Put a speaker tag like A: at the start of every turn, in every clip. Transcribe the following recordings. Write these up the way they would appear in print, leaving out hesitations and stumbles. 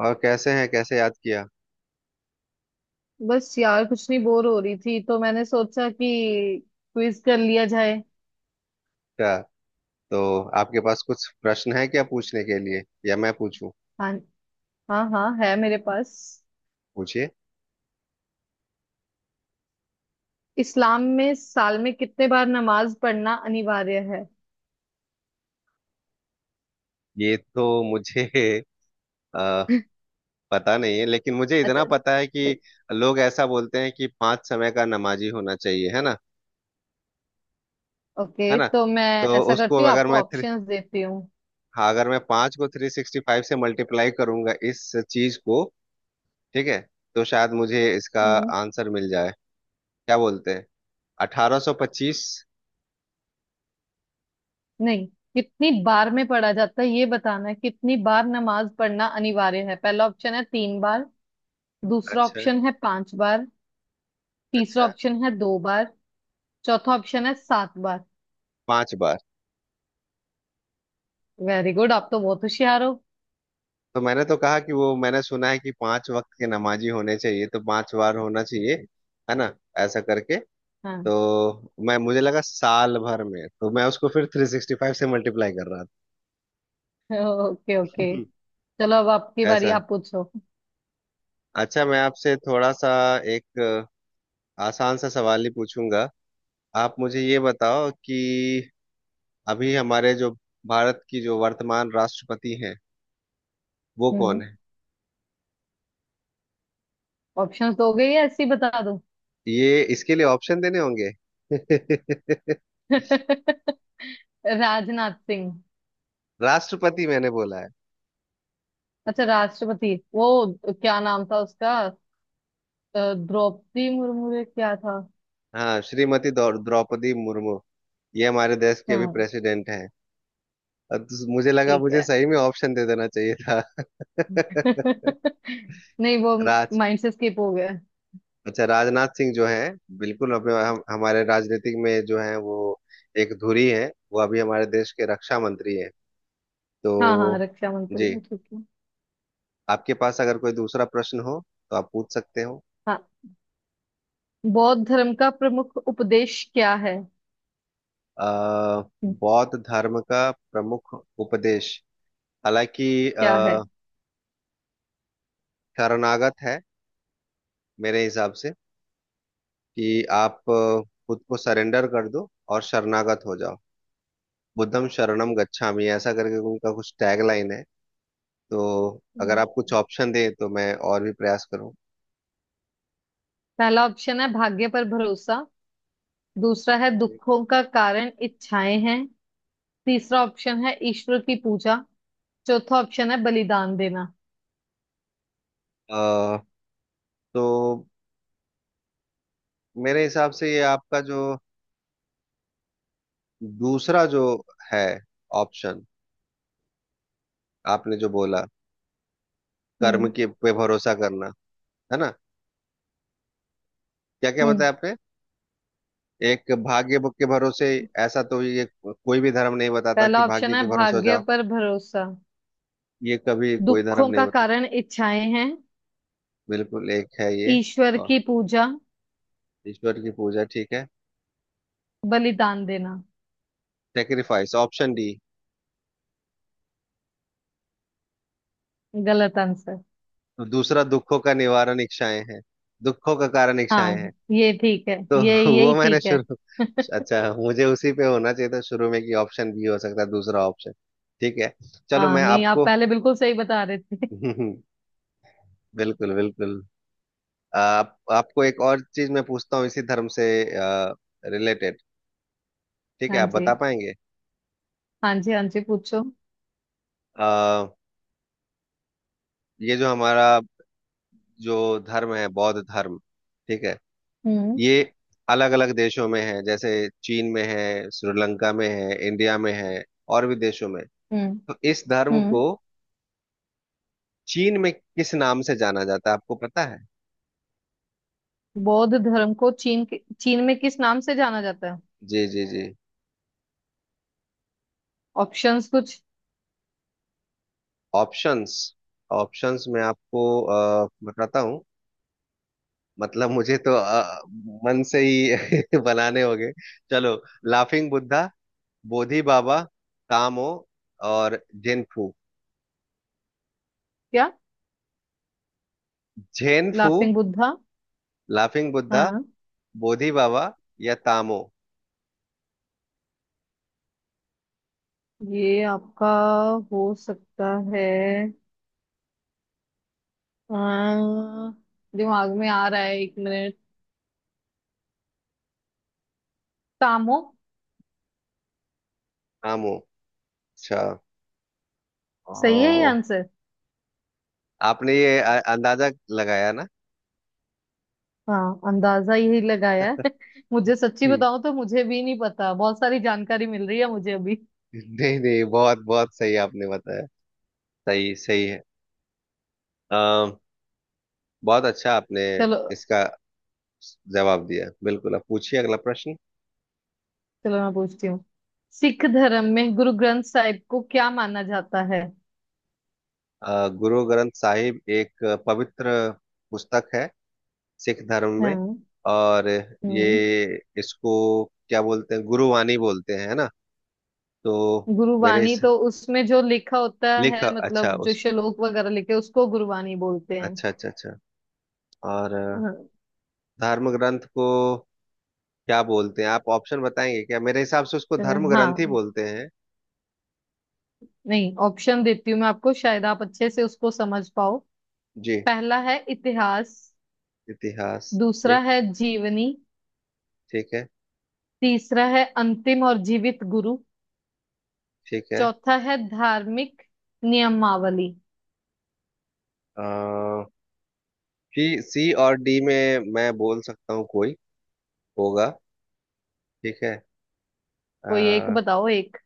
A: और कैसे हैं? कैसे याद किया?
B: बस यार कुछ नहीं बोर हो रही थी तो मैंने सोचा कि क्विज कर लिया जाए।
A: अच्छा, तो आपके पास कुछ प्रश्न है क्या पूछने के लिए, या मैं पूछूं?
B: हाँ हाँ हाँ है मेरे पास।
A: पूछिए।
B: इस्लाम में साल में कितने बार नमाज पढ़ना अनिवार्य है?
A: ये तो मुझे अ, पता नहीं है, लेकिन मुझे
B: अच्छा।
A: इतना पता है कि लोग ऐसा बोलते हैं कि 5 समय का नमाजी होना चाहिए, है ना? है
B: ओके,
A: ना?
B: तो मैं
A: तो
B: ऐसा
A: उसको,
B: करती हूँ,
A: अगर
B: आपको
A: मैं 3,
B: ऑप्शंस देती हूँ।
A: हाँ, अगर मैं 5 को 365 से मल्टीप्लाई करूंगा इस चीज को, ठीक है, तो शायद मुझे इसका
B: हम्म।
A: आंसर मिल जाए। क्या बोलते हैं? 1825।
B: नहीं। कितनी बार में पढ़ा जाता है ये बताना है, कितनी बार नमाज पढ़ना अनिवार्य है। पहला ऑप्शन है तीन बार। दूसरा
A: अच्छा।
B: ऑप्शन है पांच बार। तीसरा
A: अच्छा।
B: ऑप्शन है दो बार। चौथा
A: अच्छा।
B: ऑप्शन है सात बार।
A: 5 बार।
B: वेरी गुड, आप तो बहुत होशियार हो।
A: तो मैंने तो कहा कि वो मैंने सुना है कि 5 वक्त के नमाजी होने चाहिए, तो 5 बार होना चाहिए, है ना? ऐसा करके
B: हाँ।
A: तो मैं मुझे लगा साल भर में, तो मैं उसको फिर 365 से मल्टीप्लाई कर रहा
B: ओके ओके।
A: हम्म,
B: चलो अब आपकी
A: था।
B: बारी,
A: ऐसा।
B: आप पूछो।
A: अच्छा, मैं आपसे थोड़ा सा एक आसान सा सवाल ही पूछूंगा। आप मुझे ये बताओ कि अभी हमारे जो भारत की जो वर्तमान राष्ट्रपति हैं, वो
B: हम्म।
A: कौन है?
B: ऑप्शंस दोगे या ऐसे ही बता दूं?
A: ये इसके लिए ऑप्शन देने होंगे।
B: राजनाथ सिंह।
A: राष्ट्रपति, मैंने बोला।
B: अच्छा, राष्ट्रपति वो क्या नाम था उसका? द्रौपदी मुर्मू या क्या था?
A: हाँ, श्रीमती द्रौपदी मुर्मू ये हमारे देश की अभी
B: हाँ,
A: प्रेसिडेंट हैं। अब तो मुझे लगा
B: ठीक
A: मुझे
B: है।
A: सही में ऑप्शन दे देना चाहिए था।
B: नहीं, वो
A: राज
B: माइंड से स्किप हो गया।
A: अच्छा, राजनाथ सिंह जो है, बिल्कुल, अब हमारे राजनीतिक में जो है, वो एक धुरी है। वो अभी हमारे देश के रक्षा मंत्री है। तो,
B: हाँ हाँ, रक्षा
A: जी,
B: मंत्री ठीक है।
A: आपके पास अगर कोई दूसरा प्रश्न हो, तो आप पूछ सकते हो।
B: हाँ। बौद्ध धर्म का प्रमुख उपदेश क्या है?
A: अ, बौद्ध धर्म का प्रमुख उपदेश, हालांकि
B: क्या
A: शरणागत है, मेरे हिसाब से, कि आप खुद को सरेंडर कर दो और शरणागत हो जाओ। बुद्धम शरणम गच्छामि ऐसा करके उनका कुछ टैगलाइन है, तो अगर
B: है?
A: आप कुछ ऑप्शन दें तो मैं और भी प्रयास करूँ।
B: पहला ऑप्शन है भाग्य पर भरोसा। दूसरा है दुखों का कारण इच्छाएं हैं। तीसरा ऑप्शन है ईश्वर की पूजा। चौथा ऑप्शन है बलिदान देना।
A: अ, तो मेरे हिसाब से ये आपका जो दूसरा जो है ऑप्शन, आपने जो बोला, कर्म
B: हम्म।
A: के पे भरोसा करना, है ना? क्या क्या
B: हम्म।
A: बताया आपने? एक, भाग्य के भरोसे। ऐसा तो ये कोई भी धर्म नहीं बताता कि
B: पहला
A: भाग्य
B: ऑप्शन है
A: के भरोसे हो
B: भाग्य
A: जाओ,
B: पर भरोसा।
A: ये कभी कोई धर्म
B: दुखों
A: नहीं
B: का
A: बताता।
B: कारण इच्छाएं हैं।
A: बिल्कुल, एक है ये।
B: ईश्वर
A: और
B: की पूजा।
A: ईश्वर की पूजा, ठीक है।
B: बलिदान देना।
A: Sacrifice, option D.
B: गलत आंसर।
A: तो दूसरा, दुखों का निवारण इच्छाएं हैं, दुखों का कारण इच्छाएं हैं।
B: हाँ, ये ठीक है,
A: तो
B: ये यही
A: वो मैंने
B: ठीक है।
A: शुरू अच्छा, मुझे उसी पे होना चाहिए था शुरू में कि ऑप्शन बी हो सकता है दूसरा ऑप्शन। ठीक है, चलो
B: हाँ,
A: मैं
B: नहीं आप
A: आपको
B: पहले बिल्कुल सही बता रहे थे।
A: बिल्कुल, बिल्कुल। आप आपको एक और चीज मैं पूछता हूँ, इसी धर्म से रिलेटेड। ठीक है,
B: हाँ
A: आप बता
B: जी,
A: पाएंगे?
B: हाँ जी, हाँ जी, पूछो।
A: आ, ये जो हमारा जो धर्म है, बौद्ध धर्म, ठीक है,
B: हम्म,
A: ये अलग अलग देशों में है, जैसे चीन में है, श्रीलंका में है, इंडिया में है, और भी देशों में,
B: हम्म,
A: तो इस धर्म
B: हम्म।
A: को चीन में किस नाम से जाना जाता है, आपको पता है?
B: बौद्ध धर्म को चीन में किस नाम से जाना जाता है?
A: जी, जी, जी।
B: ऑप्शंस कुछ?
A: ऑप्शंस। ऑप्शंस में आपको बताता हूँ, मतलब मुझे तो मन से ही बनाने होंगे। चलो, लाफिंग बुद्धा, बोधि बाबा, कामो, और जेनफू।
B: क्या?
A: जेनफू।
B: लाफिंग बुद्धा।
A: लाफिंग बुद्धा,
B: हाँ।
A: बोधि बाबा, या तामो।
B: ये आपका हो सकता है। अम, दिमाग में आ रहा है, एक मिनट। तामो।
A: तामो। अच्छा।
B: सही है ये
A: ओ,
B: आंसर।
A: आपने ये अंदाजा लगाया ना
B: हाँ, अंदाजा यही लगाया है। मुझे सच्ची
A: कि,
B: बताऊं तो मुझे भी नहीं पता, बहुत सारी जानकारी मिल रही है मुझे अभी।
A: नहीं, नहीं, बहुत बहुत सही आपने बताया। सही, सही है। अम, बहुत अच्छा आपने
B: चलो।
A: इसका जवाब दिया। बिल्कुल, अब पूछिए अगला प्रश्न।
B: चलो मैं पूछती हूँ। सिख धर्म में गुरु ग्रंथ साहिब को क्या माना जाता है?
A: गुरु ग्रंथ साहिब एक पवित्र पुस्तक है सिख धर्म में,
B: हाँ।
A: और ये
B: हम्म।
A: इसको क्या बोलते हैं, गुरुवाणी बोलते हैं, है ना? तो मेरे
B: गुरुवाणी
A: इस
B: तो उसमें जो लिखा होता
A: लिख
B: है,
A: अच्छा,
B: मतलब जो
A: उस
B: श्लोक वगैरह लिखे, उसको गुरुवाणी बोलते हैं।
A: अच्छा, अच्छा, अच्छा। और
B: हाँ।
A: धर्म ग्रंथ को क्या बोलते हैं, आप ऑप्शन बताएंगे क्या? मेरे हिसाब से उसको धर्म ग्रंथ ही
B: हाँ।
A: बोलते हैं।
B: नहीं, ऑप्शन देती हूँ मैं आपको, शायद आप अच्छे से उसको समझ पाओ।
A: जी,
B: पहला है इतिहास।
A: इतिहास,
B: दूसरा
A: ठीक,
B: है जीवनी।
A: ठीक है,
B: तीसरा है अंतिम और जीवित गुरु।
A: ठीक है।
B: चौथा है धार्मिक नियमावली।
A: आ, सी, सी और डी में मैं बोल सकता हूँ कोई होगा, ठीक है।
B: कोई एक
A: आ,
B: बताओ, एक।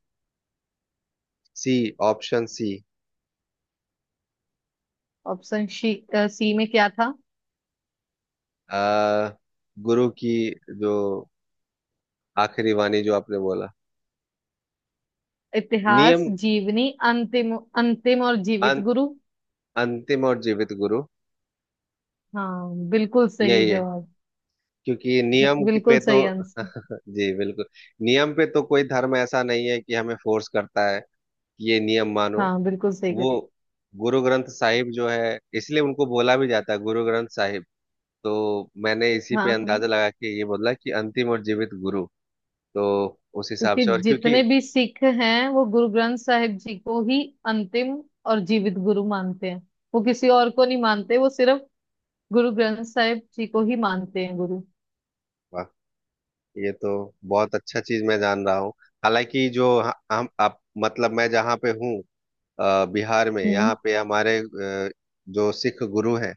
A: C, option C.
B: ऑप्शन सी। सी में क्या था?
A: आ, गुरु की जो आखिरी वाणी, जो आपने बोला, नियम।
B: इतिहास, जीवनी, अंतिम। अंतिम और जीवित
A: अं,
B: गुरु।
A: अंतिम और जीवित गुरु,
B: हाँ, बिल्कुल सही
A: यही है।
B: जवाब।
A: क्योंकि नियम की पे
B: बिल्कुल
A: तो,
B: सही आंसर।
A: जी, बिल्कुल, नियम पे तो कोई धर्म ऐसा नहीं है कि हमें फोर्स करता है, ये नियम मानो।
B: हाँ, बिल्कुल सही कर।
A: वो गुरु ग्रंथ साहिब जो है, इसलिए उनको बोला भी जाता है गुरु ग्रंथ साहिब। तो मैंने इसी पे
B: हाँ।
A: अंदाजा लगा के ये बोला कि अंतिम और जीवित गुरु। तो उस हिसाब
B: क्योंकि
A: से, और क्योंकि,
B: जितने भी सिख हैं वो गुरु ग्रंथ साहिब जी को ही अंतिम और जीवित गुरु मानते हैं। वो किसी और को नहीं मानते, वो सिर्फ गुरु ग्रंथ साहिब जी को ही मानते हैं गुरु।
A: वाह, ये तो बहुत अच्छा चीज मैं जान रहा हूँ। हालांकि जो ह- हम आप मतलब मैं जहाँ पे हूँ, बिहार में, यहाँ
B: हम्म,
A: पे हमारे जो सिख गुरु हैं,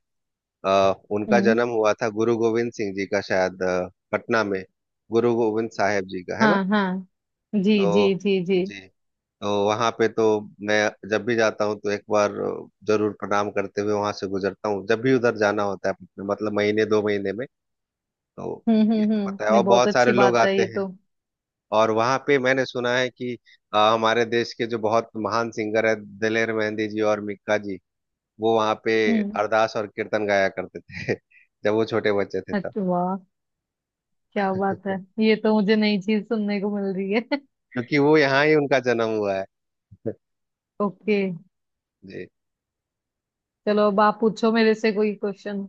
A: उनका
B: हम्म।
A: जन्म हुआ था, गुरु गोविंद सिंह जी का, शायद पटना में। गुरु गोविंद साहेब जी का, है ना?
B: हाँ हाँ, जी जी
A: तो,
B: जी जी।
A: जी, तो वहां पे तो मैं जब भी जाता हूँ तो एक बार जरूर प्रणाम करते हुए वहां से गुजरता हूँ, जब भी उधर जाना होता है मतलब महीने 2 महीने में। तो,
B: हम्म,
A: ये
B: हम्म,
A: तो
B: हम्म,
A: पता है, और
B: नहीं बहुत
A: बहुत सारे
B: अच्छी
A: लोग
B: बात है
A: आते
B: ये
A: हैं,
B: तो।
A: और वहां पे मैंने सुना है कि हमारे देश के जो बहुत महान सिंगर है, दिलेर मेहंदी जी और मिक्का जी, वो वहां पे
B: हम्म।
A: अरदास और कीर्तन गाया करते थे जब वो छोटे बच्चे थे तब।
B: अच्छा, वाह, क्या बात है। ये तो मुझे नई चीज सुनने को मिल रही है।
A: क्योंकि वो यहाँ ही उनका जन्म हुआ है।
B: ओके।
A: जी।
B: चलो अब आप पूछो मेरे से कोई क्वेश्चन।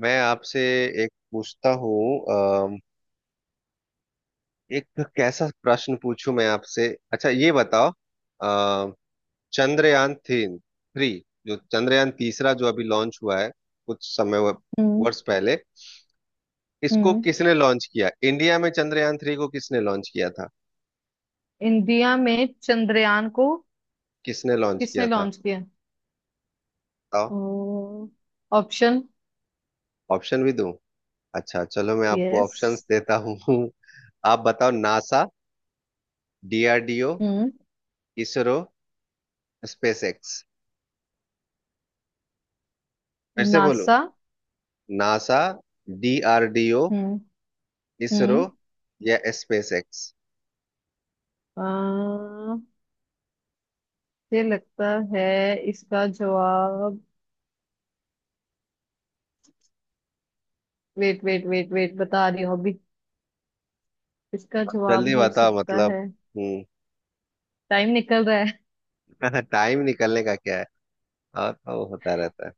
A: मैं आपसे एक पूछता हूँ, एक कैसा प्रश्न पूछूं मैं आपसे, अच्छा, ये बताओ। अ, चंद्रयान 3, जो चंद्रयान तीसरा जो अभी लॉन्च हुआ है कुछ समय वर्ष पहले, इसको
B: हम्म।
A: किसने लॉन्च किया, इंडिया में चंद्रयान 3 को किसने लॉन्च किया था?
B: इंडिया में चंद्रयान को
A: किसने लॉन्च
B: किसने
A: किया था,
B: लॉन्च किया?
A: बताओ?
B: ओ, ऑप्शन?
A: ऑप्शन भी दूं? अच्छा, चलो, मैं आपको
B: यस।
A: ऑप्शंस देता हूँ। आप बताओ, NASA, DRDO,
B: hmm.
A: ISRO, SpaceX. फिर से बोलो।
B: NASA.
A: NASA, DRDO,
B: hmm,
A: ISRO,
B: hmm.
A: या स्पेसएक्स।
B: अ, मुझे लगता है इसका जवाब। वेट वेट वेट वेट, बता रही हूँ अभी। इसका जवाब
A: जल्दी
B: हो
A: बताओ,
B: सकता
A: मतलब।
B: है।
A: हम्म
B: टाइम निकल रहा है।
A: टाइम निकलने का क्या है, और वो होता रहता है।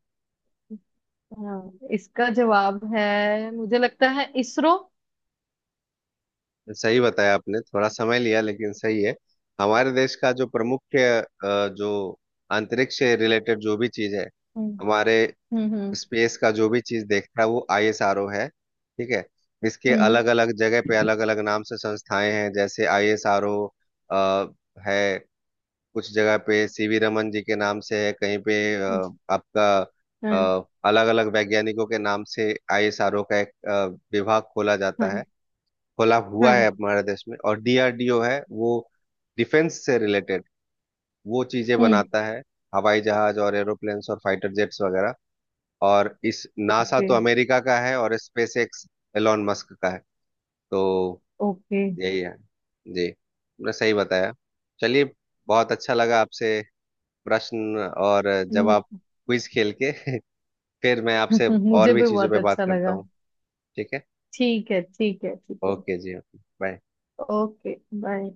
B: हाँ, इसका जवाब है, मुझे लगता है इसरो।
A: सही बताया आपने, थोड़ा समय लिया लेकिन सही है। हमारे देश का जो प्रमुख, जो अंतरिक्ष से रिलेटेड जो भी चीज है,
B: हम्म,
A: हमारे
B: हम्म,
A: स्पेस का जो भी चीज देखता है, वो आईएसआरओ है, ठीक है। इसके
B: हम्म,
A: अलग अलग जगह पे अलग अलग नाम से संस्थाएं हैं, जैसे आईएसआरओ है, कुछ जगह पे सीवी रमन जी के नाम से है, कहीं पे आपका
B: हम्म।
A: अलग अलग वैज्ञानिकों के नाम से आईएसआरओ का एक विभाग खोला
B: हाँ
A: जाता है,
B: हाँ
A: खोला हुआ है
B: हाँ।
A: हमारे देश में। और डीआरडीओ है, वो डिफेंस से रिलेटेड वो चीजें
B: हम्म।
A: बनाता है, हवाई जहाज और एरोप्लेन्स और फाइटर जेट्स वगैरह। और इस नासा
B: ओके
A: तो अमेरिका का है, और स्पेस एक्स एलॉन मस्क का है। तो,
B: ओके।
A: यही है जी, तुमने सही बताया। चलिए, बहुत अच्छा लगा आपसे प्रश्न और जवाब,
B: हम्म,
A: क्विज खेल के। फिर मैं आपसे और
B: मुझे
A: भी
B: भी
A: चीजों
B: बहुत
A: पे बात
B: अच्छा
A: करता
B: लगा।
A: हूँ, ठीक है?
B: ठीक है, ठीक है, ठीक है।
A: ओके जी, ओके, बाय।
B: Okay bye.